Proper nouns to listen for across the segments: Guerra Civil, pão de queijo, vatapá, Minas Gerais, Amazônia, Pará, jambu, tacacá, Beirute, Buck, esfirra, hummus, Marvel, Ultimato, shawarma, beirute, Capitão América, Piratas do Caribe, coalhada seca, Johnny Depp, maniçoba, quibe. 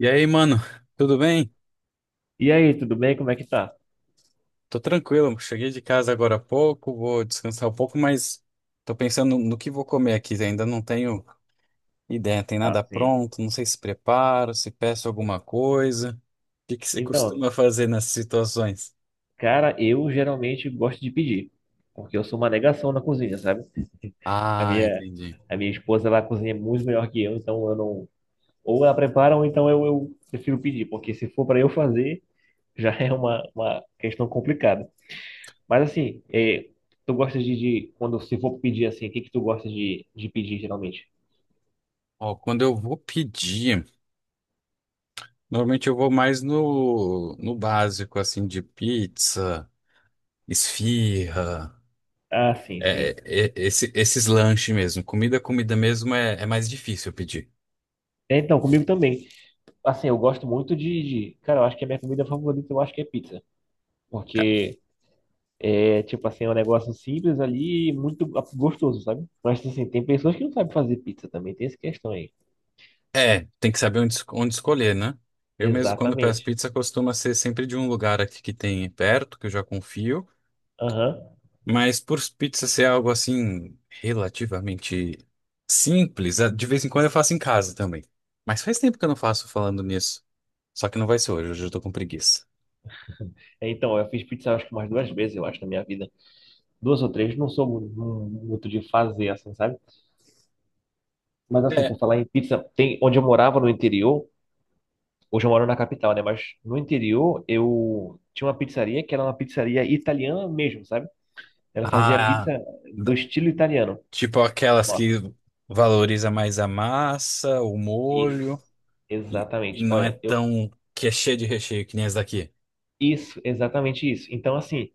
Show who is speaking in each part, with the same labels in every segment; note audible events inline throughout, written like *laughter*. Speaker 1: E aí, mano, tudo bem?
Speaker 2: E aí, tudo bem? Como é que tá?
Speaker 1: Tô tranquilo, cheguei de casa agora há pouco, vou descansar um pouco, mas tô pensando no que vou comer aqui, ainda não tenho ideia, tem
Speaker 2: Ah,
Speaker 1: nada
Speaker 2: sim.
Speaker 1: pronto, não sei se preparo, se peço alguma coisa. O que que você
Speaker 2: Então,
Speaker 1: costuma fazer nessas situações?
Speaker 2: cara, eu geralmente gosto de pedir, porque eu sou uma negação na cozinha, sabe? *laughs* A
Speaker 1: Ah,
Speaker 2: minha,
Speaker 1: entendi.
Speaker 2: a minha esposa, ela cozinha muito melhor que eu, então eu não... Ou ela prepara, ou então eu prefiro pedir, porque se for para eu fazer, já *laughs* é uma questão complicada. Mas assim, tu gosta de... Quando se for pedir assim, o que que tu gosta de pedir geralmente?
Speaker 1: Ó, quando eu vou pedir, normalmente eu vou mais no básico, assim, de pizza, esfirra,
Speaker 2: Ah, sim, sim.
Speaker 1: esses lanches mesmo. Comida mesmo é mais difícil eu pedir.
Speaker 2: É, então, comigo também. Assim, eu gosto muito de... Cara, eu acho que a minha comida favorita, eu acho que é pizza.
Speaker 1: Ca-
Speaker 2: Porque é, tipo assim, é um negócio simples ali, e muito gostoso, sabe? Mas assim, tem pessoas que não sabem fazer pizza também, tem essa questão aí.
Speaker 1: É, tem que saber onde escolher, né? Eu mesmo, quando peço
Speaker 2: Exatamente.
Speaker 1: pizza, costuma ser sempre de um lugar aqui que tem perto, que eu já confio.
Speaker 2: Aham.
Speaker 1: Mas por pizza ser algo assim, relativamente simples, de vez em quando eu faço em casa também. Mas faz tempo que eu não faço falando nisso. Só que não vai ser hoje, hoje eu tô com preguiça.
Speaker 2: Então, eu fiz pizza acho que umas duas vezes, eu acho, na minha vida. Duas ou três, não sou muito de fazer, assim, sabe? Mas assim,
Speaker 1: É.
Speaker 2: por falar em pizza, tem onde eu morava no interior, hoje eu moro na capital, né? Mas no interior eu tinha uma pizzaria que era uma pizzaria italiana mesmo, sabe? Ela fazia
Speaker 1: Ah,
Speaker 2: pizza do
Speaker 1: da-
Speaker 2: estilo italiano.
Speaker 1: tipo aquelas que valoriza mais a massa, o
Speaker 2: Isso,
Speaker 1: molho, e
Speaker 2: exatamente.
Speaker 1: não é
Speaker 2: Olha, eu
Speaker 1: tão que é cheia de recheio que nem as daqui.
Speaker 2: isso, exatamente isso. Então, assim,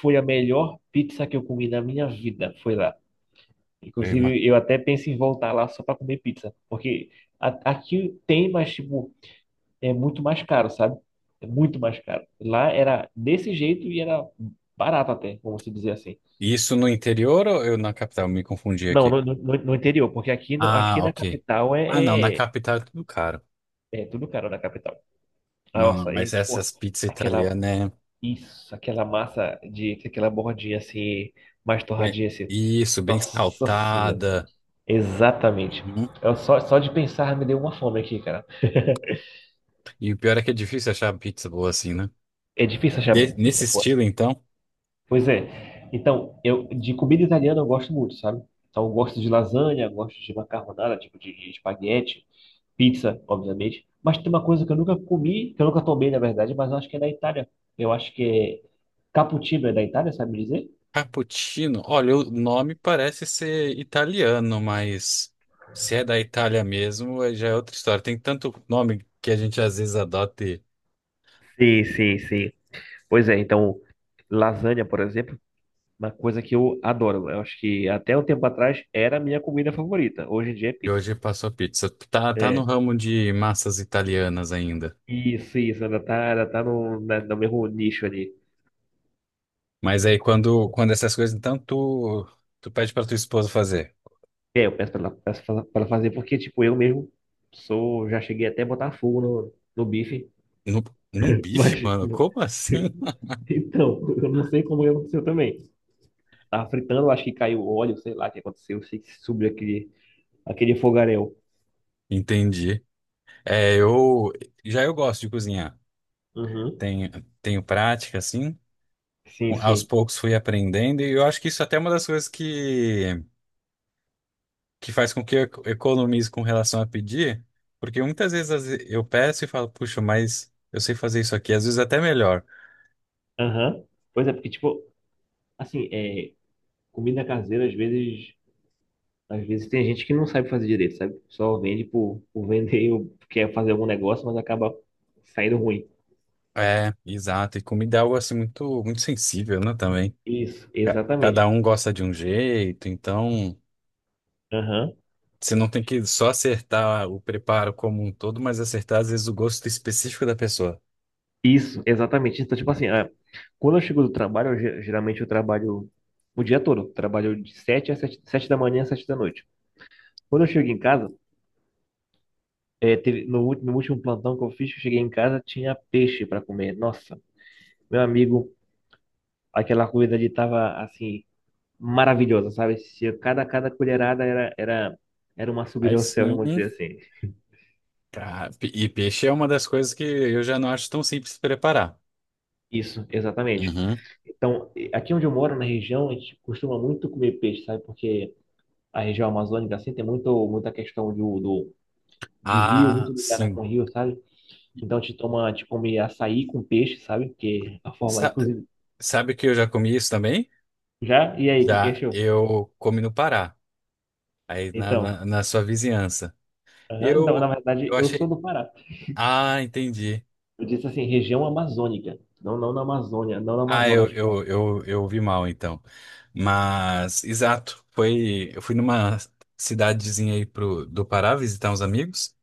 Speaker 2: foi a melhor pizza que eu comi na minha vida, foi lá. Inclusive, eu até penso em voltar lá só para comer pizza, porque aqui tem, mas tipo, é muito mais caro, sabe? É muito mais caro. Lá era desse jeito e era barato até, vamos dizer assim.
Speaker 1: E isso no interior ou eu na capital? Me confundi
Speaker 2: Não,
Speaker 1: aqui.
Speaker 2: no interior, porque aqui, no,
Speaker 1: Ah,
Speaker 2: aqui na
Speaker 1: ok.
Speaker 2: capital
Speaker 1: Ah, não, na capital é tudo caro.
Speaker 2: é tudo caro na capital.
Speaker 1: Mano,
Speaker 2: Nossa, é
Speaker 1: mas essas
Speaker 2: tipo
Speaker 1: pizzas
Speaker 2: aquela...
Speaker 1: italianas
Speaker 2: Isso, aquela massa de aquela bordinha assim, mais
Speaker 1: é
Speaker 2: torradinha assim.
Speaker 1: isso, bem
Speaker 2: Nossa senhora.
Speaker 1: saltada.
Speaker 2: Exatamente.
Speaker 1: Uhum.
Speaker 2: Eu só, só de pensar me deu uma fome aqui, cara. *laughs*
Speaker 1: E o pior é que é difícil achar pizza boa assim, né?
Speaker 2: É difícil achar
Speaker 1: Nesse
Speaker 2: pizza boa,
Speaker 1: estilo,
Speaker 2: assim.
Speaker 1: então.
Speaker 2: Pois é. Então, eu de comida italiana eu gosto muito, sabe? Então, eu gosto de lasanha, eu gosto de macarronada, tipo de espaguete, pizza, obviamente. Mas tem uma coisa que eu nunca comi, que eu nunca tomei, na verdade, mas eu acho que é da Itália. Eu acho que é cappuccino é da Itália, sabe me dizer?
Speaker 1: Cappuccino, olha, o nome parece ser italiano, mas se é da Itália mesmo, aí já é outra história. Tem tanto nome que a gente às vezes adota
Speaker 2: Sim, sim, sim. Pois é, então, lasanha, por exemplo, uma coisa que eu adoro. Eu acho que até um tempo atrás era a minha comida favorita. Hoje em dia é
Speaker 1: e
Speaker 2: pizza.
Speaker 1: hoje passou pizza. Tá, tá no
Speaker 2: É,
Speaker 1: ramo de massas italianas ainda.
Speaker 2: isso, ainda tá no mesmo nicho ali.
Speaker 1: Mas quando essas coisas, então tu pede pra tua esposa fazer.
Speaker 2: É, eu peço pra ela fazer, porque, tipo, eu mesmo sou, já cheguei até a botar fogo no bife,
Speaker 1: Num, Num bife,
Speaker 2: mas,
Speaker 1: mano? Como assim?
Speaker 2: *laughs* então, eu não sei como é aconteceu também. Tava fritando, eu acho que caiu óleo, sei lá o que aconteceu, sei que subiu aquele fogaréu.
Speaker 1: *laughs* Entendi. É, eu gosto de cozinhar.
Speaker 2: Uhum.
Speaker 1: Tenho, Tenho prática, assim.
Speaker 2: Sim,
Speaker 1: Aos
Speaker 2: sim.
Speaker 1: poucos fui aprendendo, e eu acho que isso até é uma das coisas que faz com que economize com relação a pedir, porque muitas vezes eu peço e falo, puxa, mas eu sei fazer isso aqui, às vezes até melhor.
Speaker 2: Aham. Pois é, porque, tipo, assim, é, comida caseira, às vezes tem gente que não sabe fazer direito, sabe? Só vende por vender, ou quer fazer algum negócio, mas acaba saindo ruim.
Speaker 1: É, exato, e comida é algo assim muito sensível, né, também.
Speaker 2: Isso, exatamente.
Speaker 1: Cada um gosta de um jeito, então
Speaker 2: Aham.
Speaker 1: você não tem que só acertar o preparo como um todo, mas acertar às vezes o gosto específico da pessoa.
Speaker 2: Isso, exatamente. Então, tipo assim, quando eu chego do trabalho, geralmente eu trabalho o dia todo. Eu trabalho de sete às sete sete da manhã às 7 da noite. Quando eu chego em casa, é, teve, no último plantão que eu fiz, que eu cheguei em casa, tinha peixe para comer. Nossa, meu amigo, aquela comida ali tava assim maravilhosa, sabe? Se Cada, cada colherada era uma subida
Speaker 1: Aí
Speaker 2: ao céu,
Speaker 1: sim,
Speaker 2: vamos dizer assim.
Speaker 1: cara, peixe é uma das coisas que eu já não acho tão simples de preparar.
Speaker 2: Isso, exatamente.
Speaker 1: Uhum.
Speaker 2: Então, aqui onde eu moro, na região, a gente costuma muito comer peixe, sabe? Porque a região amazônica, assim, tem muito, muita questão de rio,
Speaker 1: Ah,
Speaker 2: muito ligada
Speaker 1: sim.
Speaker 2: com rio, sabe? Então, a gente toma, a gente come açaí com peixe, sabe? Que é a forma,
Speaker 1: Sa-
Speaker 2: inclusive.
Speaker 1: sabe que eu já comi isso também?
Speaker 2: Já? E aí, o que que
Speaker 1: Já
Speaker 2: achou?
Speaker 1: eu comi no Pará, aí
Speaker 2: Então,
Speaker 1: na sua vizinhança.
Speaker 2: aham, então, na
Speaker 1: Eu,
Speaker 2: verdade,
Speaker 1: eu
Speaker 2: eu sou
Speaker 1: achei.
Speaker 2: do Pará.
Speaker 1: Ah, entendi.
Speaker 2: Eu disse assim, região amazônica. Não, não na Amazônia, não na
Speaker 1: Ah,
Speaker 2: Amazonas, de fato.
Speaker 1: eu vi mal então. Mas, exato, foi. Eu fui numa cidadezinha aí pro, do Pará visitar uns amigos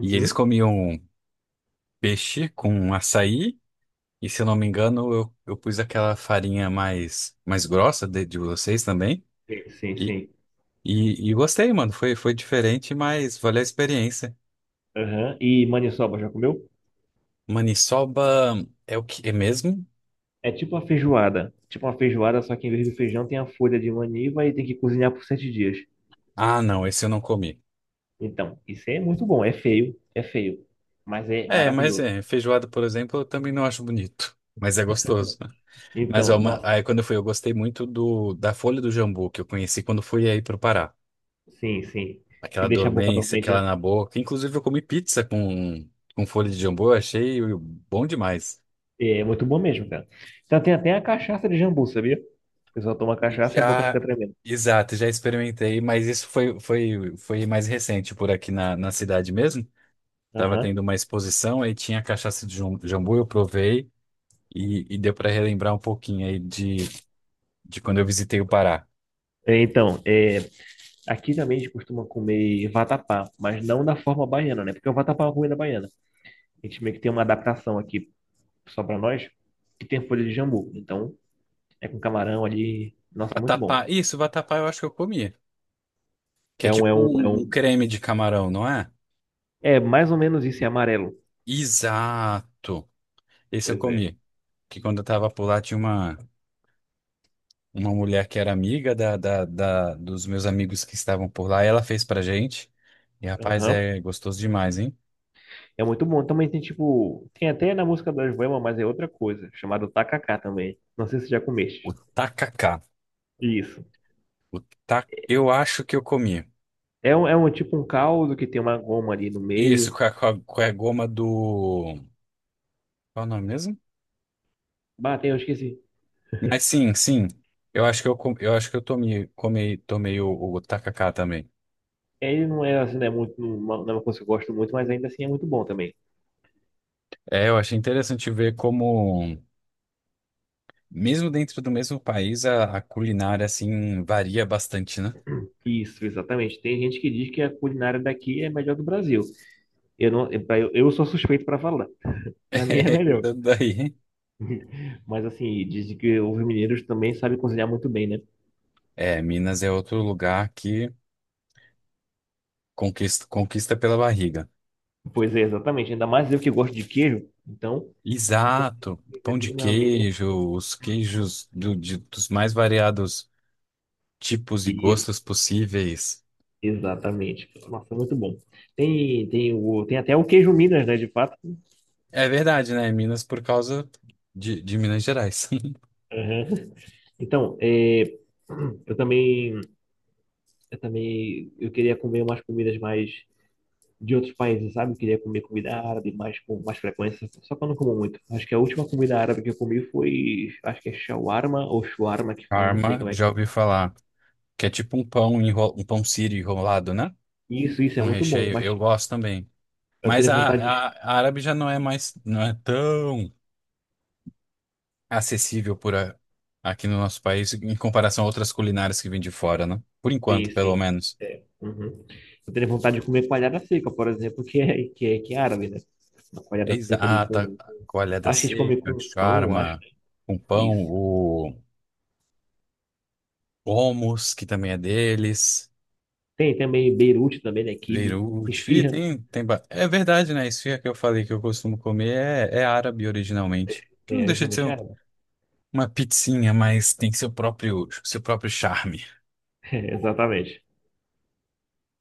Speaker 1: e eles comiam peixe com açaí. E se eu não me engano, eu pus aquela farinha mais grossa de vocês também.
Speaker 2: Sim, sim, sim.
Speaker 1: E gostei, mano. Foi diferente, mas valeu a experiência.
Speaker 2: Aham. E maniçoba, já comeu?
Speaker 1: Maniçoba é o que é mesmo?
Speaker 2: É tipo uma feijoada. Tipo uma feijoada, só que em vez do feijão tem a folha de maniva e tem que cozinhar por 7 dias.
Speaker 1: Ah, não, esse eu não comi.
Speaker 2: Então, isso é muito bom. É feio, mas é
Speaker 1: É, mas
Speaker 2: maravilhoso.
Speaker 1: é, feijoada, por exemplo, eu também não acho bonito, mas é gostoso. Né? Mas ó,
Speaker 2: Então,
Speaker 1: uma-
Speaker 2: nossa,
Speaker 1: aí quando eu fui, eu gostei muito do da folha do jambu que eu conheci quando fui aí pro Pará.
Speaker 2: sim, sim. Que
Speaker 1: Aquela
Speaker 2: deixa a boca
Speaker 1: dormência,
Speaker 2: dormente, né?
Speaker 1: aquela na boca. Inclusive eu comi pizza com folha de jambu, eu achei bom demais.
Speaker 2: É muito bom mesmo, cara. Então, tem até a cachaça de jambu, sabia? O pessoal toma cachaça e a boca
Speaker 1: Já,
Speaker 2: fica tremendo.
Speaker 1: exato, já experimentei, mas isso foi, foi mais recente por aqui na cidade mesmo. Tava
Speaker 2: Aham.
Speaker 1: tendo uma exposição, aí tinha cachaça de jambu, eu provei e deu para relembrar um pouquinho aí de quando eu visitei o Pará.
Speaker 2: É, então, é, aqui também a gente costuma comer vatapá, mas não da forma baiana, né? Porque o vatapá é uma comida baiana. A gente meio que tem uma adaptação aqui só para nós, que tem folha de jambu. Então, é com camarão ali. Nossa, muito bom.
Speaker 1: Vatapá, isso, vatapá eu acho que eu comi, que é tipo
Speaker 2: É
Speaker 1: um
Speaker 2: um.
Speaker 1: creme de camarão, não é?
Speaker 2: É mais ou menos isso, é amarelo.
Speaker 1: Exato, esse eu
Speaker 2: Pois é.
Speaker 1: comi, que quando eu tava por lá tinha uma mulher que era amiga dos meus amigos que estavam por lá, e ela fez pra gente. E rapaz,
Speaker 2: Aham.
Speaker 1: é gostoso demais, hein?
Speaker 2: É muito bom. Também tem tipo. Tem até na música das Boemas, mas é outra coisa, chamado tacacá também. Não sei se já
Speaker 1: O
Speaker 2: comeste.
Speaker 1: tacacá.
Speaker 2: Isso.
Speaker 1: O Eu acho que eu comi.
Speaker 2: É um tipo um caldo que tem uma goma ali no
Speaker 1: Isso,
Speaker 2: meio.
Speaker 1: com a goma do. Qual é o nome mesmo?
Speaker 2: Bateu, eu esqueci.
Speaker 1: Mas sim, sim. Eu acho eu acho que eu tomei o tacacá também.
Speaker 2: É, ele não é assim, né? Muito, não é uma coisa que eu gosto muito, mas ainda assim é muito bom também.
Speaker 1: É, eu achei interessante ver como, mesmo dentro do mesmo país, a culinária assim varia bastante, né? *laughs*
Speaker 2: Isso, exatamente. Tem gente que diz que a culinária daqui é a melhor do Brasil. Eu não, eu sou suspeito para falar. *laughs* Para mim é
Speaker 1: É,
Speaker 2: melhor.
Speaker 1: tanto daí.
Speaker 2: Mas assim, dizem que os mineiros também sabem cozinhar muito bem, né?
Speaker 1: É, Minas é outro lugar conquista pela barriga.
Speaker 2: Pois é, exatamente. Ainda mais eu que gosto de queijo. Então, um pouco de
Speaker 1: Exato,
Speaker 2: queijo
Speaker 1: pão de
Speaker 2: ali, meu amigo.
Speaker 1: queijo, os queijos dos mais variados tipos e
Speaker 2: Isso,
Speaker 1: gostos possíveis.
Speaker 2: exatamente. Nossa, muito bom. Tem até o queijo Minas, né? De fato.
Speaker 1: É verdade, né? Minas por causa de Minas Gerais. *laughs*
Speaker 2: Aham. *laughs* Então, é, eu também, eu também, eu queria comer umas comidas mais de outros países, sabe? Queria comer comida árabe mais com mais frequência, só que eu não como muito. Acho que a última comida árabe que eu comi foi, acho que é shawarma ou shawarma que fala, não sei
Speaker 1: Parma,
Speaker 2: como é que
Speaker 1: já
Speaker 2: é.
Speaker 1: ouvi falar, que é tipo um pão sírio enrolado, né?
Speaker 2: Isso é
Speaker 1: Um
Speaker 2: muito bom,
Speaker 1: recheio,
Speaker 2: mas
Speaker 1: eu gosto também.
Speaker 2: eu
Speaker 1: Mas
Speaker 2: teria vontade de...
Speaker 1: a árabe já não é mais, não é tão acessível aqui no nosso país em comparação a outras culinárias que vêm de fora, né? Por
Speaker 2: Sim,
Speaker 1: enquanto, pelo
Speaker 2: sim.
Speaker 1: menos.
Speaker 2: Uhum. Eu teria vontade de comer coalhada seca, por exemplo, que é árabe, né? Uma
Speaker 1: É
Speaker 2: coalhada seca ali
Speaker 1: exata,
Speaker 2: com...
Speaker 1: coalhada
Speaker 2: Acho que eles comem
Speaker 1: seca,
Speaker 2: com pão, eu acho,
Speaker 1: charma,
Speaker 2: né?
Speaker 1: com pão,
Speaker 2: Isso.
Speaker 1: o hummus, que também é deles,
Speaker 2: Tem também Beirute também, né? Quibe,
Speaker 1: beirute, e
Speaker 2: esfirra,
Speaker 1: é verdade, né? Esfirra que eu falei que eu costumo comer é árabe originalmente, que não
Speaker 2: é
Speaker 1: deixa de ser
Speaker 2: justamente
Speaker 1: um-
Speaker 2: árabe.
Speaker 1: uma pizzinha, mas tem seu próprio charme.
Speaker 2: *laughs* Exatamente.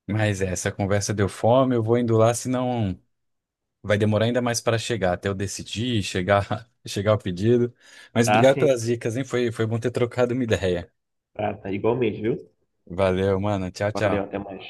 Speaker 1: Mas é, essa conversa deu fome, eu vou indo lá, senão... Vai demorar ainda mais para chegar, até eu decidir, chegar, *laughs* chegar ao pedido. Mas
Speaker 2: Tá,
Speaker 1: obrigado
Speaker 2: sim.
Speaker 1: pelas dicas, hein? Foi bom ter trocado uma ideia.
Speaker 2: Tá, tá. Igualmente, viu?
Speaker 1: Valeu, mano.
Speaker 2: Valeu,
Speaker 1: Tchau.
Speaker 2: até mais.